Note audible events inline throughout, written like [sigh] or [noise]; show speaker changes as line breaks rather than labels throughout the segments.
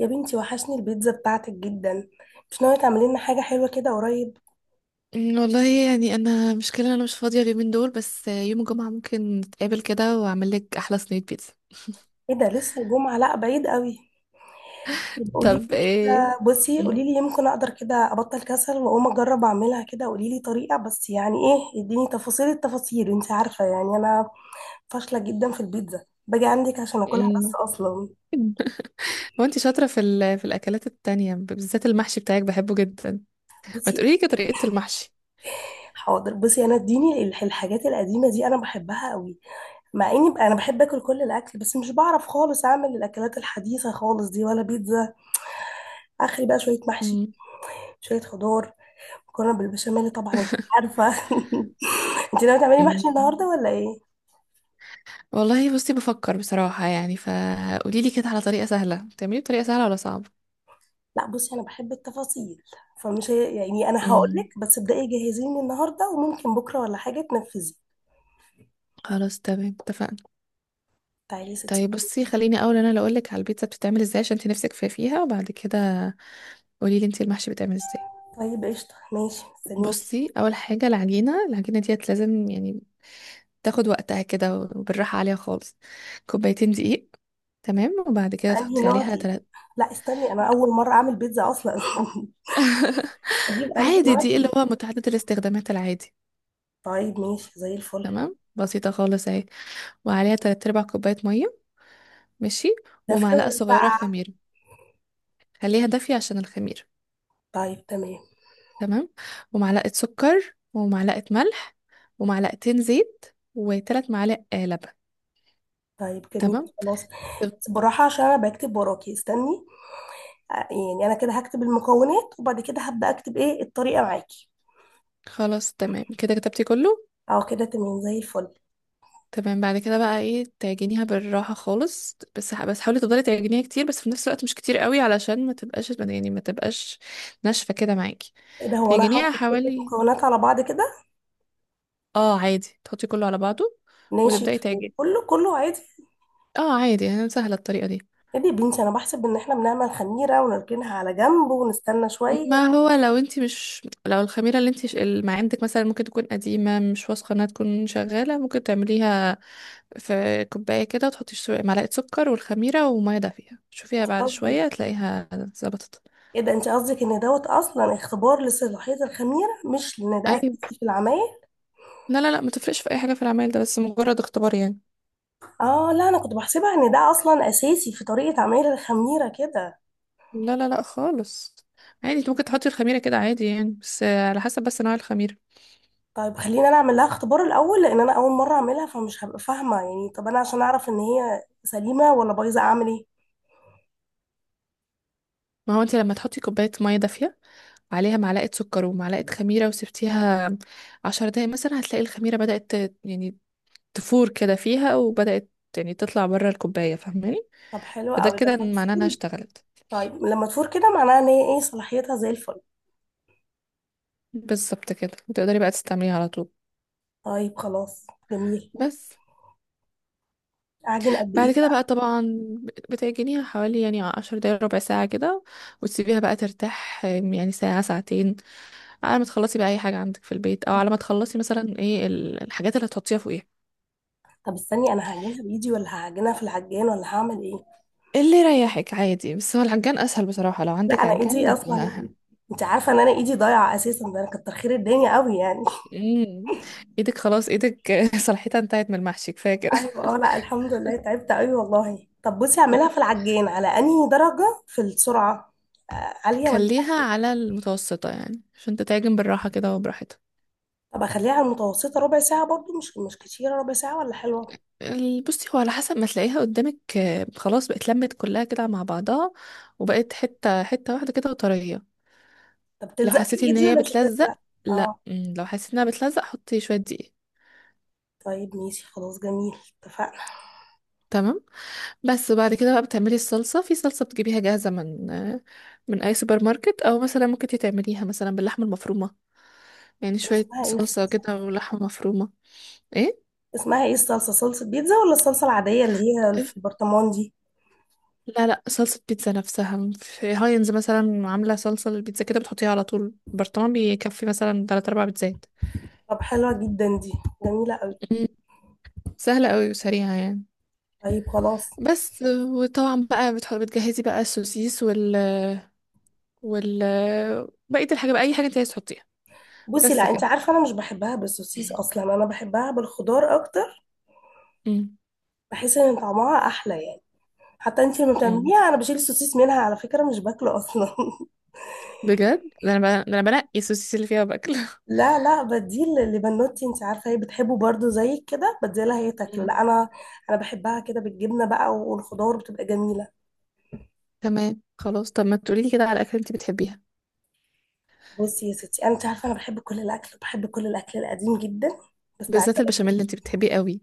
يا بنتي وحشني البيتزا بتاعتك جدا. مش ناوية تعملي لنا حاجة حلوة كده قريب؟
والله يعني انا مشكلة إن انا مش فاضية اليومين دول، بس يوم الجمعة ممكن نتقابل كده واعمل لك احلى صينية بيتزا.
ايه ده، لسه الجمعة؟ لا بعيد قوي. يبقى قولي
طب
لي
ايه.
كده، بصي
أمم.
قولي لي، يمكن اقدر كده ابطل كسل واقوم اجرب اعملها، كده قولي لي طريقة بس، يعني ايه اديني تفاصيل التفاصيل، انت عارفة يعني انا فاشلة جدا في البيتزا، باجي عندك عشان اكلها
أمم.
بس اصلا.
[laughs] هو انت شاطرة في الاكلات التانية، بالذات المحشي بتاعك بحبه جدا. ما
بصي
تقولي لي طريقة المحشي.
حاضر بصي، انا اديني الحاجات القديمة دي انا بحبها قوي. مع اني بقى انا بحب اكل كل الاكل، بس مش بعرف خالص اعمل الاكلات الحديثة خالص دي ولا بيتزا اخري، بقى شويه محشي،
أمم.
شويه خضار، مكرونه بالبشاميل طبعا انت عارفه. [laughs] انت ناويه تعملي
أمم.
محشي النهارده ولا ايه؟
[laughs] والله بصي بفكر بصراحة، يعني فقولي لي كده على طريقة سهلة، تعملي طريقة سهلة ولا صعبة؟
لا بصي انا بحب التفاصيل، فمش هي يعني انا هقول
أمم.
لك بس، ابداي جهزيني النهارده وممكن بكره ولا حاجه تنفذي.
خلاص تمام، اتفقنا.
تعالي يا ستي.
طيب بصي، خليني اول انا اللي اقول لك على البيتزا بتتعمل ازاي عشان انت نفسك في فيها، وبعد كده قولي لي انت المحشي بيتعمل ازاي.
طيب قشطه ماشي مستنيك.
بصي، اول حاجه العجينه، العجينه ديت لازم يعني تاخد وقتها كده وبالراحه عليها خالص. كوبايتين دقيق، تمام، وبعد كده
بأنهي
تحطي
نوع
عليها
دي؟
تلات.
لا استني، انا اول مره اعمل بيتزا اصلا. [laughs]
[laughs]
اجيب انهي
عادي
نوع
دقيق اللي
دي؟
هو متعدد الاستخدامات العادي.
طيب ماشي زي الفل.
تمام، بسيطه خالص اهي. وعليها تلات ارباع كوبايه ميه. ماشي.
دافيه
ومعلقه
ولا
صغيره
ساقعه؟
خميره. خليها دافيه عشان الخميره.
طيب تمام.
تمام. ومعلقه سكر ومعلقه ملح، ومعلقتين زيت، وثلاث معالق لبن.
طيب جميل
تمام.
خلاص. بس بالراحه عشان انا بكتب وراكي، استني، يعني انا كده هكتب المكونات وبعد كده هبدا اكتب ايه الطريقه معاكي.
خلاص تمام كده، كتبتي كله؟
اه كده تمام زي الفل.
تمام. بعد كده بقى ايه، تعجنيها بالراحة خالص، بس حاولي تفضلي تعجنيها كتير، بس في نفس الوقت مش كتير قوي علشان ما تبقاش يعني ما تبقاش ناشفة كده معاكي.
ايه ده، هو انا هحط
تعجنيها
كل
حوالي.
المكونات على بعض كده،
اه عادي، تحطي كله على بعضه وتبدأي
ناشف،
تعجني.
وكله كله عادي؟
اه عادي يعني سهلة الطريقة دي.
ايه دي يا بنتي، انا بحسب ان احنا بنعمل خميره ونركنها على جنب ونستنى شويه.
ما هو لو انت مش، لو الخميرة اللي انت اللي ما عندك مثلا ممكن تكون قديمة، مش واثقة انها تكون شغالة، ممكن تعمليها في كوباية كده، وتحطي معلقة سكر والخميرة ومية دافية،
انت
شوفيها بعد
قصدك؟
شوية تلاقيها ظبطت.
ايه ده، انت قصدك ان دوت اصلا اختبار لصلاحيه الخميره، مش ان ده
ايوه،
اساسي في العمايل؟
لا لا لا، ما تفرقش في اي حاجة في العمل ده، بس مجرد اختبار يعني.
اه لا، انا كنت بحسبها ان ده اصلا اساسي في طريقه عمايل الخميره كده.
لا لا لا خالص. عادي، انت ممكن تحطي الخميرة كده عادي يعني، بس على حسب بس نوع الخميرة.
طيب خلينا انا اعمل لها اختبار الاول، لان انا اول مره اعملها فمش هبقى فاهمه، يعني طب انا عشان اعرف ان هي سليمه ولا بايظه اعمل ايه؟
ما هو انت لما تحطي كوباية مية دافية، وعليها معلقة سكر ومعلقة خميرة، وسبتيها عشر دقايق مثلا، هتلاقي الخميرة بدأت يعني تفور كده فيها، وبدأت يعني تطلع بره الكوباية، فاهماني؟
طب حلو
فده
قوي
كده
لما
معناه انها
تفور.
اشتغلت.
طيب لما تفور كده معناها ان هي ايه، صلاحيتها زي الفل.
بالظبط كده، وتقدري بقى تستعمليها على طول.
طيب خلاص جميل.
بس
اعجن قد
بعد
ايه
كده
بقى؟
بقى طبعا بتعجنيها حوالي يعني 10 دقايق ربع ساعة كده، وتسيبيها بقى ترتاح يعني ساعة ساعتين، على ما تخلصي بقى أي حاجة عندك في البيت، أو
طب
على ما تخلصي مثلا ايه الحاجات اللي هتحطيها فوقيها.
طب استني، انا هعجنها بايدي ولا هعجنها في العجان ولا هعمل ايه؟
اللي يريحك عادي، بس هو العجان اسهل بصراحة، لو
لا
عندك
انا ايدي
عجان يبقى
اصلا، انت عارفه ان انا ايدي ضايعه اساسا، ده انا كتر خير الدنيا قوي يعني.
امم ايدك. خلاص ايدك [laughs] صلاحيتها انتهت من المحشي، كفاية كده.
ايوه اه، لا الحمد لله تعبت قوي والله. طب بصي،
[laughs]
اعملها في العجين على انهي درجه في السرعه؟ عاليه ولا
خليها
عالية؟
على المتوسطة يعني عشان تتعجن بالراحة كده وبراحتها.
طب اخليها على المتوسطه. ربع ساعه برضو مش كتيره؟ ربع ساعه ولا حلوه؟
بصي، هو على حسب ما تلاقيها قدامك. خلاص بقت لمت كلها كده مع بعضها، وبقت حتة حتة واحدة كده وطرية.
طب
لو
تلزق في
حسيتي ان
ايدي
هي
ولا مش
بتلزق،
هتلزق؟
لا،
اه
لو حسيتي انها بتلزق حطي شوية دقيق.
طيب ماشي خلاص جميل، اتفقنا.
تمام. بس بعد كده بقى بتعملي الصلصة، في صلصة بتجيبيها جاهزة من أي سوبر ماركت، أو مثلا ممكن انتي تعمليها مثلا باللحمة المفرومة. يعني
طب
شوية
اسمها ايه
صلصة
الصلصه؟
كده ولحمة مفرومة. ايه،
اسمها ايه الصلصه، صلصه بيتزا ولا الصلصه العاديه اللي هي في البرطمان دي؟
لا لا صلصة بيتزا نفسها، في هاينز مثلا عاملة صلصة للبيتزا كده، بتحطيها على طول. برطمان بيكفي مثلا تلات أربع بيتزات.
طب حلوه جدا دي، جميله قوي.
مم. سهلة قوي وسريعة يعني.
طيب خلاص.
بس، وطبعا بقى بتجهزي بقى السوسيس وال وال بقية الحاجة بقى، أي حاجة انت عايز تحطيها.
بصي
بس
لا،
كده.
انت عارفه انا مش بحبها بالسوسيس اصلا، انا بحبها بالخضار اكتر. بحس ان طعمها احلى يعني. حتى انت لما
مم.
بتعمليها انا بشيل السوسيس منها على فكره، مش باكله اصلا. [laughs]
بجد، ده انا بنقي السوسيس اللي فيها باكل.
لا لا، بديه لبنوتي، انت عارفه هي بتحبه برضو زي كده، بديه لها هي تاكله
مم.
لا انا. انا بحبها كده بالجبنه بقى، والخضار بتبقى جميله.
تمام. [laughs] خلاص، طب ما تقولي لي كده على اكل انت بتحبيها،
بصي يا ستي، انت عارفه انا بحب كل الاكل، بحب كل الاكل القديم جدا، بس تعالى.
بالذات البشاميل اللي انت بتحبيه قوي.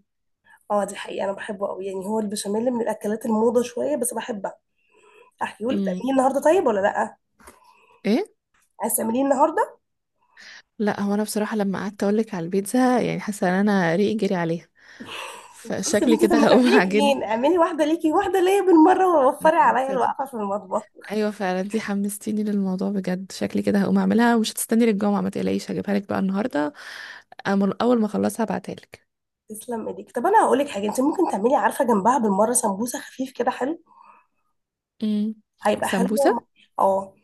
اه دي حقيقه انا بحبه قوي، يعني هو البشاميل من الاكلات الموضه شويه بس بحبها. احكيهولك
مم.
تعمليه النهارده طيب ولا لا؟
ايه،
عايز تعمليه النهارده؟
لا هو انا بصراحه لما قعدت اقول لك على البيتزا يعني حاسه ان انا ريقي جري عليها،
بس يا
فشكلي
بنتي، طب
كده
ما
هقوم [laughs]
تعملي
اعجن.
اتنين، اعملي واحدة ليكي واحدة ليا بالمرة، ووفري
مم.
عليا الوقفة في المطبخ.
ايوه فعلا، انت حمستيني للموضوع بجد. شكلي كده هقوم اعملها ومش هتستني للجمعه، ما تقلقيش هجيبها لك بقى النهارده. اول ما اخلصها هبعتها لك.
تسلم ايديك. طب انا هقول لك حاجة، انت ممكن تعملي عارفة جنبها بالمرة سمبوسة خفيف كده حلو.
مم.
هيبقى
سمبوسه؟
حلو. اه.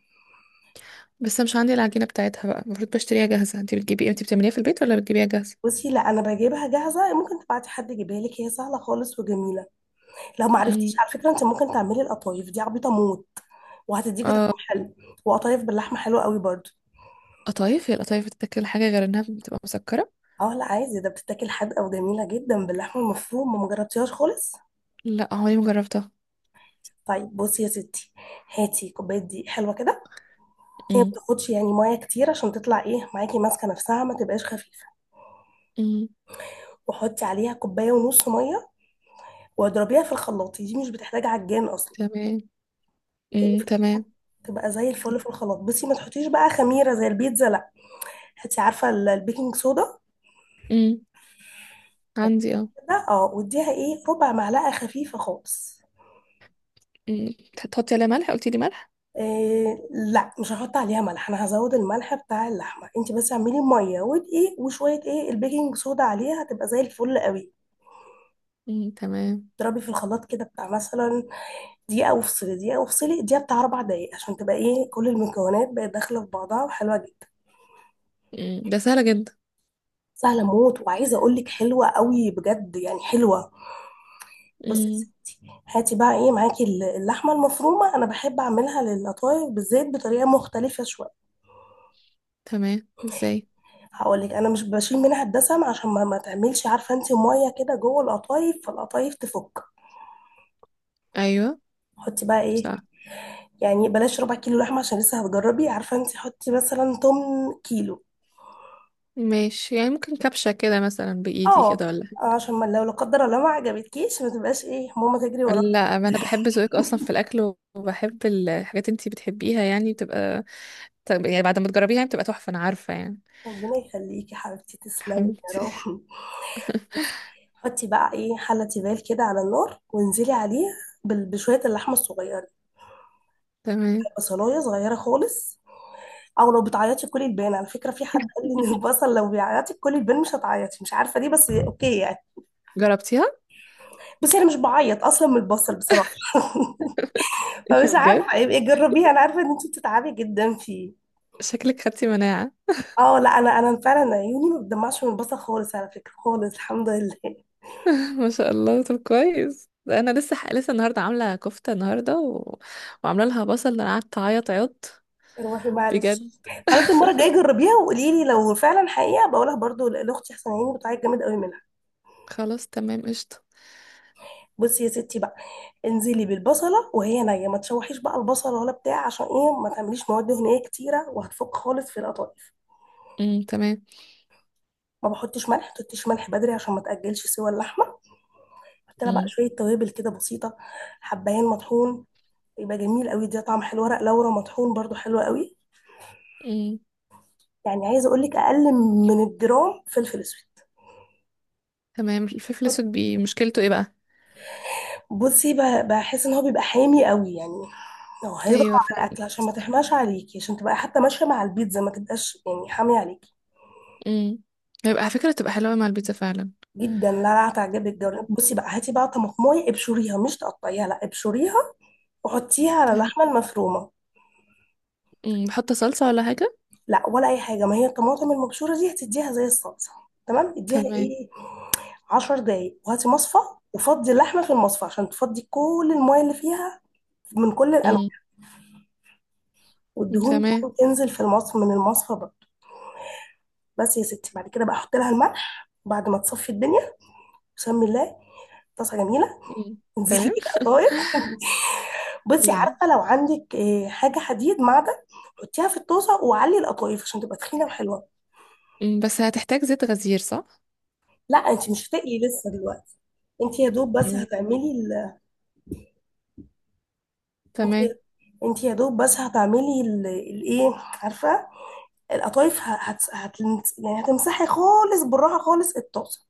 بس مش عندي العجينة بتاعتها بقى، المفروض بشتريها جاهزة، انتي بتجيبي ايه؟ انتي بتعمليها في البيت ولا بتجيبيها جاهزة؟
بصي لا، انا بجيبها جاهزة، ممكن تبعتي حد يجيبها لك، هي سهلة خالص وجميلة. لو ما عرفتيش،
مم.
على فكرة انت ممكن تعملي القطايف دي، عبيطة موت، وهتديكي طعم
اه.
حلو. وقطايف باللحمة حلوة قوي برضو.
قطايف؟ هي القطايف بتتاكل حاجة غير انها بتبقى مسكرة؟
اه لا عايزة ده، بتتاكل حادقة وجميلة جدا باللحمة المفرومة، ما مجربتيهاش خالص؟
لا، عمري ما جربتها.
طيب بصي يا ستي، هاتي كوباية دقيق حلوة كده. هي ما
مم.
بتاخدش يعني ميه كتير، عشان تطلع ايه معاكي ماسكه نفسها ما تبقاش خفيفه.
مم.
وحطي عليها كوبايه ونص ميه، واضربيها في الخلاط، دي مش بتحتاج عجان اصلا.
تمام.
هي
امم،
في
تمام.
الخلاط تبقى زي الفل. في الخلاط بصي، ما تحطيش بقى خميره زي البيتزا لا. هاتي عارفه البيكنج صودا
مم. عندي اه.
ده. اه، واديها ايه، ربع معلقه خفيفه خالص.
مم. تحطي عليها ملح، قلتي لي ملح؟
إيه لا مش هحط عليها ملح، انا هزود الملح بتاع اللحمه، انت بس اعملي ميه ودقيق وشويه ايه، البيكنج صودا عليها، هتبقى زي الفل قوي.
مم. تمام.
اضربي في الخلاط كده، بتاع مثلا دقيقة وفصلي، دقيقة وفصلي، دقيقة، بتاع أربع دقايق، عشان تبقى إيه، كل المكونات بقت داخلة في بعضها وحلوة جدا.
مم. ده سهلة جدا.
سهلة موت، وعايزة أقول لك حلوة قوي بجد، يعني حلوة. بصي يا
مم.
ستي، هاتي بقى إيه معاكي اللحمة المفرومة. أنا بحب أعملها للقطايف بالزيت بطريقة مختلفة شوية.
تمام، ازاي؟
هقول لك، أنا مش بشيل منها الدسم، عشان ما تعملش عارفة أنت مية كده جوه القطايف فالقطايف تفك.
ايوه،
حطي بقى إيه،
صح.
يعني بلاش ربع كيلو لحمة عشان لسه هتجربي عارفة أنت، حطي مثلا تمن كيلو.
ماشي، يعني ممكن كبشة كده مثلا بإيدي كده
اه،
ولا؟
عشان ما لو لا قدر الله ما عجبتكيش ما تبقاش ايه، ماما تجري وراكي.
لا ما انا بحب ذوقك اصلا في الاكل، وبحب الحاجات انتي بتحبيها، يعني بتبقى، طب يعني بعد ما تجربيها يعني بتبقى تحفه انا عارفه يعني.
ربنا يخليكي يا حبيبتي، تسلمي يا
حبيبتي.
رب. بس حطي بقى ايه، حلة تيفال كده على النار، وانزلي عليه بشوية اللحمة الصغيرة.
[laughs] تمام.
بصلاية صغيرة خالص. او لو بتعيطي كلي البان، على فكرة في حد قال لي ان البصل لو بيعيطي كلي البان مش هتعيطي، مش عارفة ليه، بس اوكي يعني.
جربتيها؟
بس انا مش بعيط اصلا من البصل بصراحة،
إيه ده
فمش
بجد،
عارفة، يبقى جربيه، انا عارفة ان انت بتتعبي جدا فيه.
شكلك خدتي مناعه.
اه لا، انا فعلا عيوني ما بتدمعش من البصل خالص على فكره خالص الحمد لله. [laughs]
[laughs] ما شاء الله، طب كويس. ده انا لسه لسه النهارده عامله كفته النهارده وعامله لها بصل، انا قعدت اعيط عيط،
روحي معلش.
بجد.
خلاص المره الجايه جربيها وقولي لي لو فعلا حقيقه، بقولها برضو لاختي، احسن عيني بتعيط جامد قوي منها.
خلاص تمام، قشطه.
بصي يا ستي بقى، انزلي بالبصله وهي نيه، ما تشوحيش بقى البصله ولا بتاع، عشان ايه، ما تعمليش مواد دهنيه كتيره وهتفك خالص في القطايف.
امم، تمام.
ما بحطش ملح، ما تحطيش ملح بدري عشان ما تاجلش سوى اللحمه. حط لها بقى
امم.
شويه توابل كده بسيطه. حبايين مطحون، يبقى جميل قوي ده، طعم حلو. ورق لورا مطحون برضو حلو قوي.
امم،
يعني عايزه اقول لك اقل من الجرام فلفل اسود.
تمام. الفلفل
حط-
الاسود مشكلته ايه بقى؟
بصي بحس ان هو بيبقى حامي قوي يعني، لو هيضغط
ايوه
على
فعلا.
الاكل، عشان ما تحماش عليكي، عشان تبقى حتى ماشيه مع البيتزا، ما تبقاش يعني حامي عليكي.
امم. هيبقى على فكرة تبقى حلوة مع البيتزا فعلا.
جدا. لا لا، هتعجبك جدا. بصي بقى، هاتي بقى طماطمايه ابشريها، مش تقطعيها لا ابشريها، وحطيها على
تمام.
اللحمه المفرومه.
امم، بحط صلصة ولا حاجة؟
لا ولا اي حاجه، ما هي الطماطم المبشوره دي هتديها زي الصلصه. تمام اديها
تمام.
ايه، 10 دقايق، وهاتي مصفى وفضي اللحمه في المصفى عشان تفضي كل المايه اللي فيها من كل الانواع.
امم،
والدهون دي
تمام.
تنزل في المصفى. من المصفى بقى، بس يا ستي، بعد كده بقى احط لها الملح بعد ما تصفي الدنيا. بسم الله. طاسه جميله.
امم،
انزلي
تمام.
بالقطايف. [laughs] بصي
امم.
عارفه، لو عندك حاجه حديد معدن حطيها في الطاسه وعلي القطايف عشان تبقى تخينه وحلوه.
بس هتحتاج زيت غزير، صح؟
لا انت مش هتقلي لسه دلوقتي. انت يا دوب بس
امم،
هتعملي ال... انت،
تمام.
انت يا دوب بس هتعملي ال- الايه عارفه، القطايف يعني هتمسحي خالص بالراحه خالص الطاسه.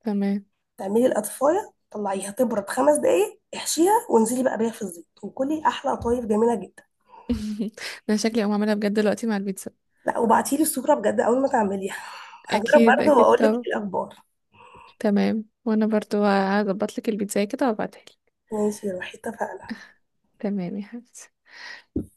تمام.
تعملي القطفايه، طلعيها تبرد خمس دقايق، احشيها وانزلي بقى بيها في الزيت، وكلي احلى قطايف جميله جدا.
[laughs] انا شكلي اقوم اعملها بجد دلوقتي مع البيتزا.
لا وبعتيلي الصوره بجد اول ما تعمليها. [laughs] هجرب
اكيد
برضه
اكيد
واقول لك ايه
طبعا.
الاخبار.
تمام، وانا برضو هظبط لك البيتزا كده وابعتها لك.
ماشي يا روحي اتفقنا.
تمام يا حبيبتي.